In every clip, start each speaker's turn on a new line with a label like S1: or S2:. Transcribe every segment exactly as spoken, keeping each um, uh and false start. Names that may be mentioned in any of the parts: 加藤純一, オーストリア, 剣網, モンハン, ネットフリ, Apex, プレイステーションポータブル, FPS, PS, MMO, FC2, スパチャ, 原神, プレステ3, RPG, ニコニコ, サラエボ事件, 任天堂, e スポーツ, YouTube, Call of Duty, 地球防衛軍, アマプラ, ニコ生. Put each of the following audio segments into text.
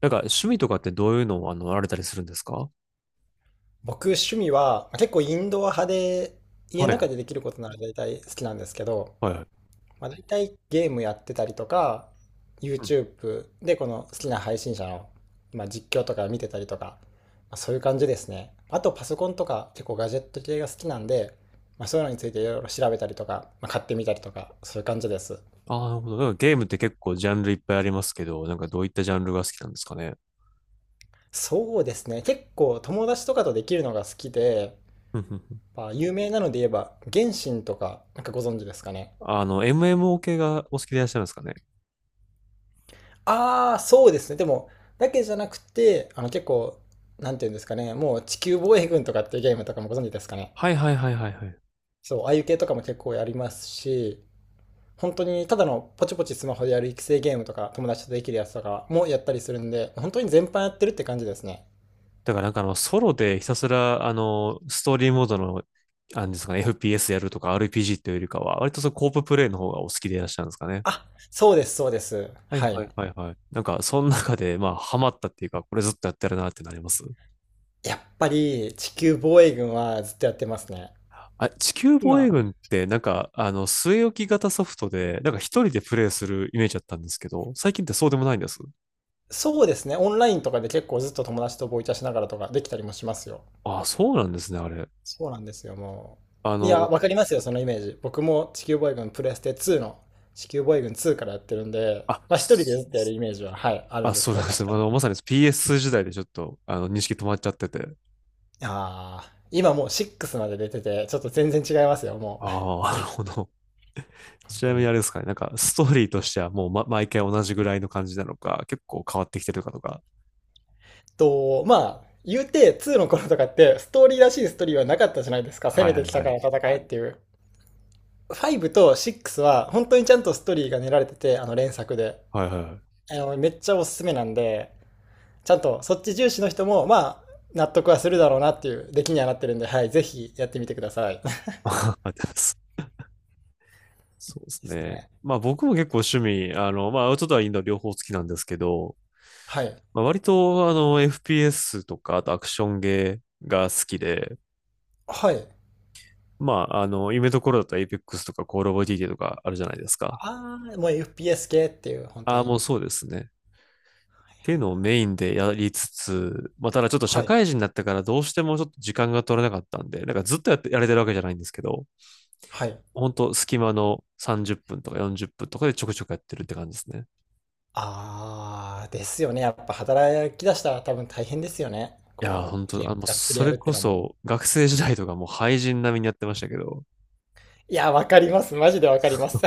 S1: なんか趣味とかってどういうのをあの、られたりするんですか？
S2: 僕、趣味は、まあ結構インドア派で、家
S1: は
S2: の
S1: いはい。
S2: 中でできることなら大体好きなんですけど、
S1: はいはい。
S2: まあ、大体ゲームやってたりとか、
S1: うん。
S2: YouTube でこの好きな配信者の、まあ、実況とか見てたりとか、まあ、そういう感じですね。あとパソコンとか結構ガジェット系が好きなんで、まあ、そういうのについていろいろ調べたりとか、まあ、買ってみたりとか、そういう感じです。
S1: ああ、なるほど。なんかゲームって結構ジャンルいっぱいありますけど、なんかどういったジャンルが好きなんですかね？
S2: そうですね。結構友達とかとできるのが好きで、
S1: うんうんうん。
S2: まあ、有名なので言えば、原神とか、なんかご存知ですかね。
S1: あの、エムエムオー 系がお好きでいらっしゃるんですかね？
S2: ああ、そうですね。でも、だけじゃなくて、あの結構、なんていうんですかね、もう地球防衛軍とかっていうゲームとかもご存知ですかね。
S1: はいはいはいはいはい。
S2: そう、ああいう系とかも結構やりますし、本当にただのポチポチスマホでやる育成ゲームとか、友達とできるやつとかもやったりするんで、本当に全般やってるって感じですね。
S1: だからなんかあの、ソロでひたすら、あの、ストーリーモードの、あんですかね、エフピーエス やるとか アールピージー というよりかは、割とそのコーププレイの方がお好きでいらっしゃるんですかね？
S2: あ、そうです、そうです。
S1: はい
S2: は
S1: は
S2: い。
S1: いはいはい。なんか、その中で、まあ、ハマったっていうか、これずっとやってるなってなります。
S2: やっぱり地球防衛軍はずっとやってますね。
S1: あ、地球防衛
S2: 今、
S1: 軍って、なんか、あの、据え置き型ソフトで、なんか一人でプレイするイメージだったんですけど、最近ってそうでもないんです。
S2: そうですね、オンラインとかで結構ずっと友達とボイチャしながらとかできたりもしますよ。
S1: あ、そうなんですね、あれ。
S2: そうなんですよ、も
S1: あ
S2: う。いや、
S1: の、
S2: わかりますよ、そのイメージ。僕も地球防衛軍プレステツーの、地球防衛軍ツーからやってるんで、
S1: あ、
S2: まあ一人で
S1: す
S2: ずっとやる
S1: す
S2: イメージは、はい、あるん
S1: あ、
S2: です
S1: そう
S2: け
S1: な
S2: ど、
S1: んで
S2: 確
S1: すね。
S2: か
S1: あ
S2: に。
S1: の、まさに ピーエス 時代でちょっと、あの、認識止まっちゃってて。
S2: ああ、今もうろくまで出てて、ちょっと全然違いますよ、もう。
S1: ああ、なるほど。
S2: 本
S1: ち
S2: 当
S1: なみに
S2: に。
S1: あれですかね、なんか、ストーリーとしてはもう、ま、毎回同じぐらいの感じなのか、結構変わってきてるかとか。
S2: と、まあ、言うてにの頃とかって、ストーリーらしいストーリーはなかったじゃないですか。攻
S1: はい
S2: め
S1: は
S2: て
S1: い
S2: き
S1: は
S2: たか
S1: い。
S2: ら戦えっていう。ごとろくは本当にちゃんとストーリーが練られてて、あの連作で。
S1: はいはいはい。
S2: あの、めっちゃおすすめなんで、ちゃんとそっち重視の人も、まあ、納得はするだろうなっていう出来にはなってるんで、はい、ぜひやってみてください。
S1: そうです
S2: です
S1: ね。
S2: ね。
S1: まあ僕も結構趣味、あの、まあアウトドア、インドア両方好きなんですけど、
S2: はい。
S1: まあ割とあの エフピーエス とか、あとアクションゲーが好きで、
S2: はい。
S1: まああの、夢ところだったら エーペックス とか コールオブデューティー とかあるじゃないですか。
S2: ああ、もう エフピーエス 系っていう、本当
S1: ああ、
S2: に。
S1: もうそうですね。
S2: はい
S1: ってい
S2: は
S1: う
S2: い
S1: のをメインでやりつつ、まあただちょっと社
S2: はい。
S1: 会人になってからどうしてもちょっと時間が取れなかったんで、なんかずっとやって、やれてるわけじゃないんですけど、
S2: はい。
S1: ほんと隙間のさんじゅっぷんとかよんじゅっぷんとかでちょくちょくやってるって感じですね。
S2: ああ、ですよね。やっぱ働き出したら多分大変ですよね。
S1: いやー、
S2: こ
S1: 本
S2: う、ゲ
S1: 当
S2: ー
S1: あ
S2: ム
S1: の、
S2: がっつり
S1: そ
S2: や
S1: れ
S2: るって
S1: こ
S2: のも。
S1: そ、学生時代とかもう廃人並みにやってましたけど、
S2: いや、わかります。マジでわかります。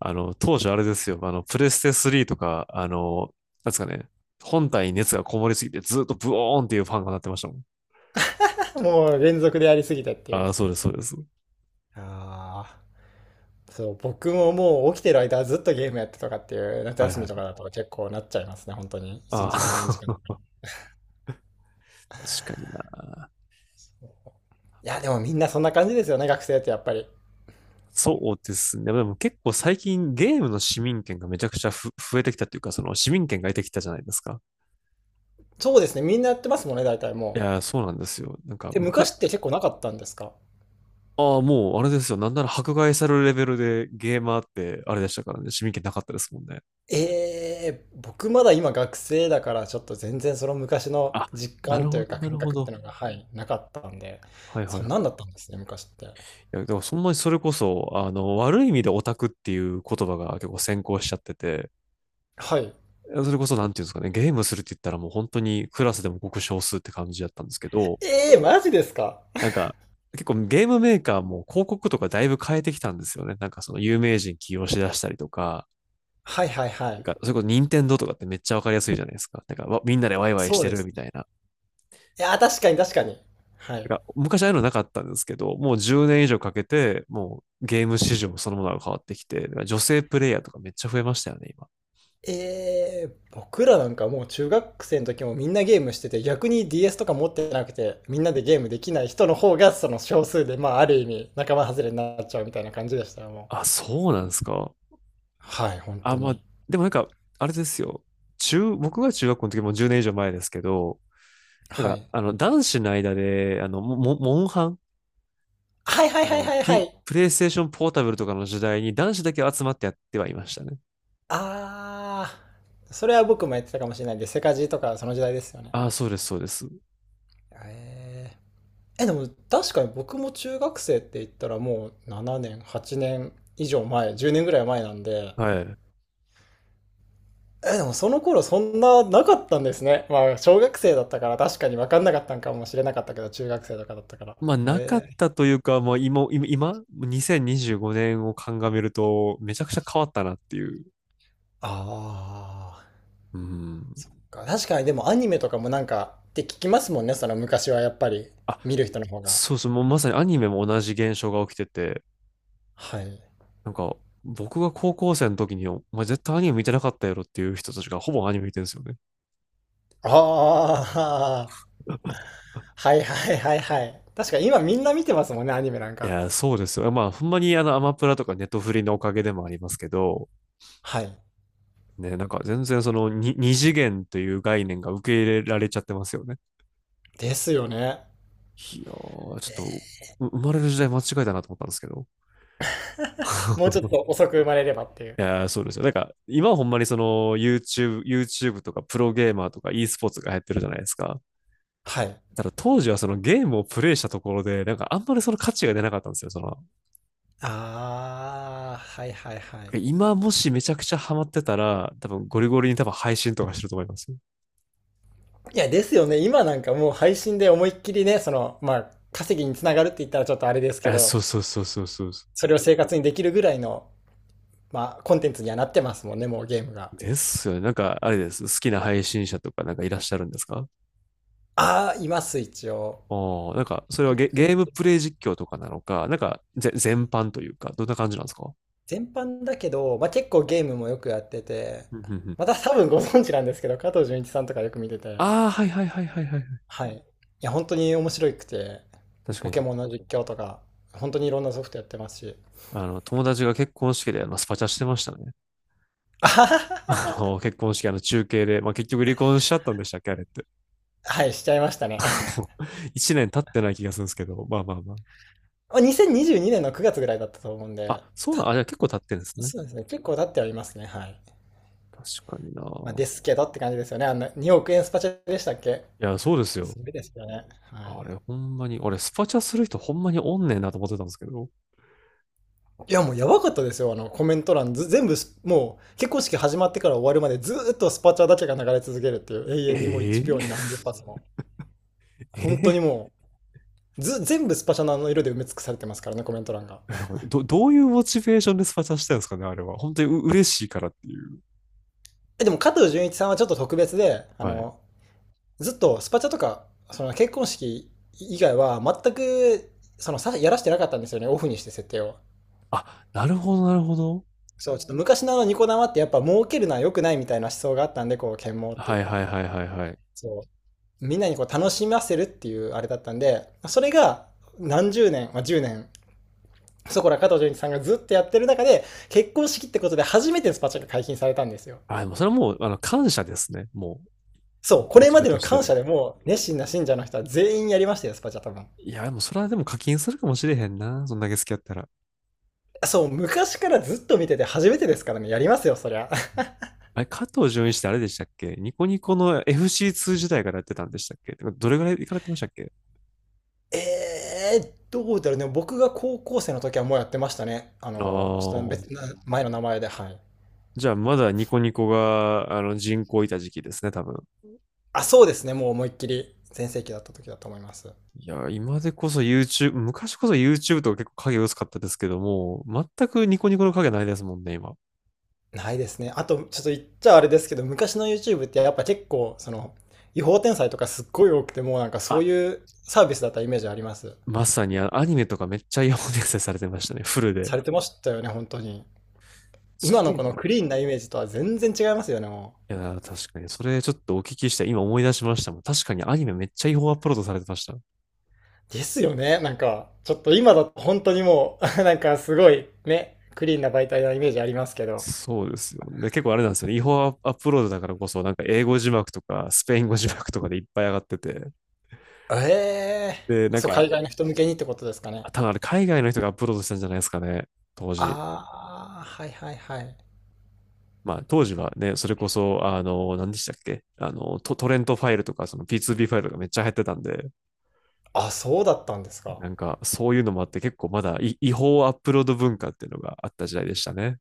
S1: あの、当時あれですよ、あの、プレステスリーとか、あの、なんですかね、本体に熱がこもりすぎて、ずっとブオーンっていうファンが鳴ってましたもん。
S2: もう連続でやりすぎたってい
S1: あ
S2: う。
S1: あ、そうです、そうです。
S2: ああ。そう、僕ももう起きてる間はずっとゲームやってとかっていう夏
S1: はい
S2: 休
S1: は
S2: みとか
S1: い。
S2: だと結構なっちゃいますね、本当に。一
S1: あ
S2: 日十何時間。
S1: あ。
S2: い
S1: 確かにな。
S2: や、でもみんなそんな感じですよね、学生ってやっぱり。
S1: そうですね。でも結構最近ゲームの市民権がめちゃくちゃふ増えてきたっていうか、その市民権が得てきたじゃないですか。
S2: そうですね、みんなやってますもんね、大体
S1: い
S2: も
S1: やー、
S2: う。
S1: そうなんですよ。なんか、
S2: え、
S1: むか
S2: 昔って結構なかったんですか？
S1: ああ、もう、あれですよ。なんなら迫害されるレベルでゲーマーって、あれでしたからね。市民権なかったですもんね。
S2: えー、僕まだ今学生だからちょっと全然その昔の
S1: あ、
S2: 実
S1: なる
S2: 感とい
S1: ほ
S2: う
S1: ど、
S2: か
S1: な
S2: 感
S1: るほ
S2: 覚って
S1: ど。
S2: のが、はい、なかったんで、
S1: はい
S2: そん
S1: は
S2: な
S1: い。
S2: ん
S1: い
S2: だったんですね、昔って。
S1: や、だからそんなにそれこそ、あの、悪い意味でオタクっていう言葉が結構先行しちゃってて、
S2: はい。
S1: それこそなんていうんですかね、ゲームするって言ったらもう本当にクラスでもごく少数って感じだったんですけど、
S2: えー、マジですか？
S1: なんか、結構ゲームメーカーも広告とかだいぶ変えてきたんですよね。なんかその有名人起用しだしたりとか、
S2: はいはいは
S1: なん
S2: い。
S1: かそれこそ任天堂とかってめっちゃわかりやすいじゃないですか。なんかわみんなでワイワイし
S2: そう
S1: て
S2: で
S1: る
S2: す
S1: みた
S2: ね。
S1: いな。
S2: いや、確かに確かに。はい。
S1: なんか昔ああいうのなかったんですけど、もうじゅうねん以上かけて、もうゲーム市場そのものが変わってきて、だから女性プレイヤーとかめっちゃ増えましたよね、今。
S2: えー、僕らなんかもう中学生の時もみんなゲームしてて、逆に ディーエス とか持ってなくてみんなでゲームできない人の方がその少数で、まあある意味仲間外れになっちゃうみたいな感じでしたよも、
S1: あ、そうなんですか。
S2: うはい、本
S1: あ、
S2: 当
S1: まあ、
S2: に。
S1: でもなんか、あれですよ。中、僕が中学校の時もじゅうじゅうねん以上前ですけど、なん
S2: は
S1: か、
S2: い
S1: あの、男子の間で、あの、モモモンハン、
S2: はいはい
S1: あ
S2: はい
S1: の、
S2: はいは
S1: P、
S2: い。
S1: プレイステーションポータブルとかの時代に男子だけ集まってやってはいましたね。
S2: あーそれは僕もやってたかもしれないんで、セカジとかその時代ですよね。
S1: ああ、そうです、そうです。
S2: えー、えでも確かに僕も中学生って言ったらもうななねんはちねん以上前、じゅうねんぐらい前なんで、
S1: はい。
S2: え、でもその頃そんななかったんですね。まあ、小学生だったから確かに分かんなかったんかもしれなかったけど、中学生とかだったから。
S1: まあ、なかっ
S2: へえ。
S1: たというか、まあ、今、今、今にせんにじゅうごねんを鑑みると、めちゃくちゃ変わったなっていう。
S2: ああ、
S1: うん。
S2: そっか。確かにでもアニメとかもなんかって聞きますもんね、その昔はやっぱり
S1: あ、
S2: 見る人の方が。
S1: そうそう、もうまさにアニメも同じ現象が起きてて、
S2: はい。
S1: なんか、僕が高校生の時に、お前絶対アニメ見てなかったやろっていう人たちがほぼアニメ見てるんですよね。
S2: ああ、はいはいはいはい。確かに今みんな見てますもんね、アニメなん
S1: い
S2: か。
S1: やー、そうですよ。まあ、ほんまにあの、アマプラとかネットフリのおかげでもありますけど、
S2: はい。
S1: ね、なんか全然そのににじげんという概念が受け入れられちゃってますよね。
S2: ですよね。
S1: いやー、ちょっと、う生まれる時代間違えたなと思ったんですけど。
S2: もうちょっ と遅く生まれればっていう。
S1: いやそうですよ。なんか、今はほんまにその YouTube、YouTube とかプロゲーマーとか e スポーツが流行ってるじゃないですか。
S2: はい。
S1: ただ当時はそのゲームをプレイしたところで、なんかあんまりその価値が出なかったんですよ。その、
S2: ああ、はいはいはい。
S1: 今もしめちゃくちゃハマってたら、多分ゴリゴリに多分配信とかしてると思いますよ。
S2: いや、ですよね。今なんかもう配信で思いっきりね、その、まあ、稼ぎにつながるって言ったらちょっとあれですけ
S1: え、そ
S2: ど、
S1: うそうそうそうそうそ
S2: それを生活にできるぐらいの、まあ、コンテンツにはなってますもんね、もうゲームが。
S1: う。ですよね。なんか、あれです。好きな配信者とかなんかいらっしゃるんですか？
S2: ああ、います、一応。
S1: おーなんか、それは
S2: よ
S1: ゲ、
S2: く
S1: ゲ
S2: 見
S1: ーム
S2: てる。
S1: プレイ実況とかなのか、なんか、ぜ、
S2: は
S1: 全
S2: い。
S1: 般というか、どんな感じなんですか？
S2: 全般だけど、まあ、結構ゲームもよくやってて、
S1: うんうんうん。
S2: また多分ご存知なんですけど、加藤純一さんとかよく見てて、
S1: ああ、はいはいはいはいはい。
S2: はい。いや、本当に面白くて、
S1: 確か
S2: ポケ
S1: に。
S2: モンの実況とか、本当にいろんなソフトやってますし。
S1: あの、友達が結婚式で、あの、スパチャしてましたね。
S2: あははは。
S1: あ
S2: は
S1: の、結婚式、あの、中継で、まあ、結局離婚しちゃったんでしたっけ、あれって。
S2: はい、しちゃいましたね。
S1: もういちねん経ってない気がするんですけど、まあまあまあ。
S2: まあにせんにじゅうにねんのくがつぐらいだったと思うんで、
S1: あ、そうな
S2: た、
S1: ん、あ、じゃあ結構経ってるんですね。
S2: そうですね、結構経ってはいますね、はい。
S1: 確かにな。
S2: まあ、ですけどって感じですよね。あの、におく円スパチャでしたっけ？
S1: いや、そうですよ。
S2: すごいですよね。は
S1: あ
S2: い。
S1: れ、ほんまに、俺、スパチャする人ほんまにおんねんなと思ってたんですけど。
S2: いや、もうやばかったですよ、あの、コメント欄、ず、全部す、もう、結婚式始まってから終わるまでずーっとスパチャだけが流れ続けるっていう、永遠にもう1
S1: え
S2: 秒に
S1: え
S2: 何十発も。本当
S1: え
S2: に
S1: え
S2: もう、ず、全部スパチャのあの色で埋め尽くされてますからね、コメント欄が。
S1: え、これど、どういうモチベーションでスパチャしてるんですかね、あれは？本当にう嬉しいからっていう。
S2: え、でも、加藤純一さんはちょっと特別で、あ
S1: はい。
S2: の、ずっとスパチャとか、その結婚式以外は全く、そのさやらしてなかったんですよね、オフにして設定を。
S1: あ、なるほど、なるほど。
S2: そう、ちょっと昔のあのニコ生ってやっぱ儲けるのは良くないみたいな思想があったんで、こう、剣網って
S1: は
S2: い
S1: い
S2: う。
S1: はいはいはいはい。
S2: そう。みんなにこう楽しませるっていうあれだったんで、それが何十年、まあ、じゅうねん、そこら加藤純一さんがずっとやってる中で、結婚式ってことで初めてスパチャが解禁されたんですよ。
S1: あ、でもそれはもう、あの、感謝ですね。もう、
S2: そう、こ
S1: モ
S2: れ
S1: チ
S2: ま
S1: ベ
S2: で
S1: と
S2: の
S1: して
S2: 感
S1: は。
S2: 謝でも、熱心な信者の人は全員やりましたよ、スパチャ多分。
S1: いや、でもそれはでも課金するかもしれへんな。そんだけ好きやったら。
S2: そう、昔からずっと見てて初めてですからね、やりますよ、そりゃ。
S1: あれ、加藤純一ってあれでしたっけ？ニコニコの エフシーツー 時代からやってたんでしたっけ？てかどれぐらい行かれてましたっけ？
S2: えー、どうだろうね、僕が高校生の時はもうやってましたね。あ
S1: あ
S2: の、ちょっと
S1: あー。
S2: 別な前の名前で、はい。
S1: じゃあ、まだニコニコが、あの、人口いた時期ですね、多分。
S2: あ、そうですね、もう思いっきり全盛期だった時だと思います。
S1: いや、今でこそ YouTube、昔こそ YouTube とか結構影薄かったですけども、全くニコニコの影ないですもんね、今。
S2: ないですね。あと、ちょっと言っちゃあれですけど、昔の YouTube ってやっぱ結構、その、違法転載とかすっごい多くて、もうなんかそ
S1: あ、
S2: ういうサービスだったイメージあります。
S1: まさにあのアニメとかめっちゃイヤホン再生されてましたね、フルで。
S2: されてましたよね、本当に。
S1: そ
S2: 今
S1: う
S2: の
S1: いえ
S2: この
S1: ば。
S2: クリーンなイメージとは全然違いますよね、もう。
S1: いやー、確かに。それちょっとお聞きして、今思い出しましたもん。確かにアニメめっちゃ違法アップロードされてました。
S2: ですよね。なんか、ちょっと今だと本当にもう、なんかすごいね、クリーンな媒体なイメージありますけど。
S1: そうですよ。ね結構あれなんですよね。違法アップロードだからこそ、なんか英語字幕とか、スペイン語字幕とかでいっぱい上がってて。
S2: ええ
S1: で、
S2: ー
S1: なん
S2: そう、
S1: か、
S2: 海外の人向けにってことですかね。
S1: 多分あれ海外の人がアップロードしたんじゃないですかね。当時。
S2: ああ、はいはいはい。
S1: まあ、当時はね、それこそ、あの、何でしたっけあの、ト、トレントファイルとか、その ピーツービー ファイルがめっちゃ入ってたんで、
S2: あ、そうだったんですか？
S1: なんか、そういうのもあって、結構まだい違法アップロード文化っていうのがあった時代でしたね。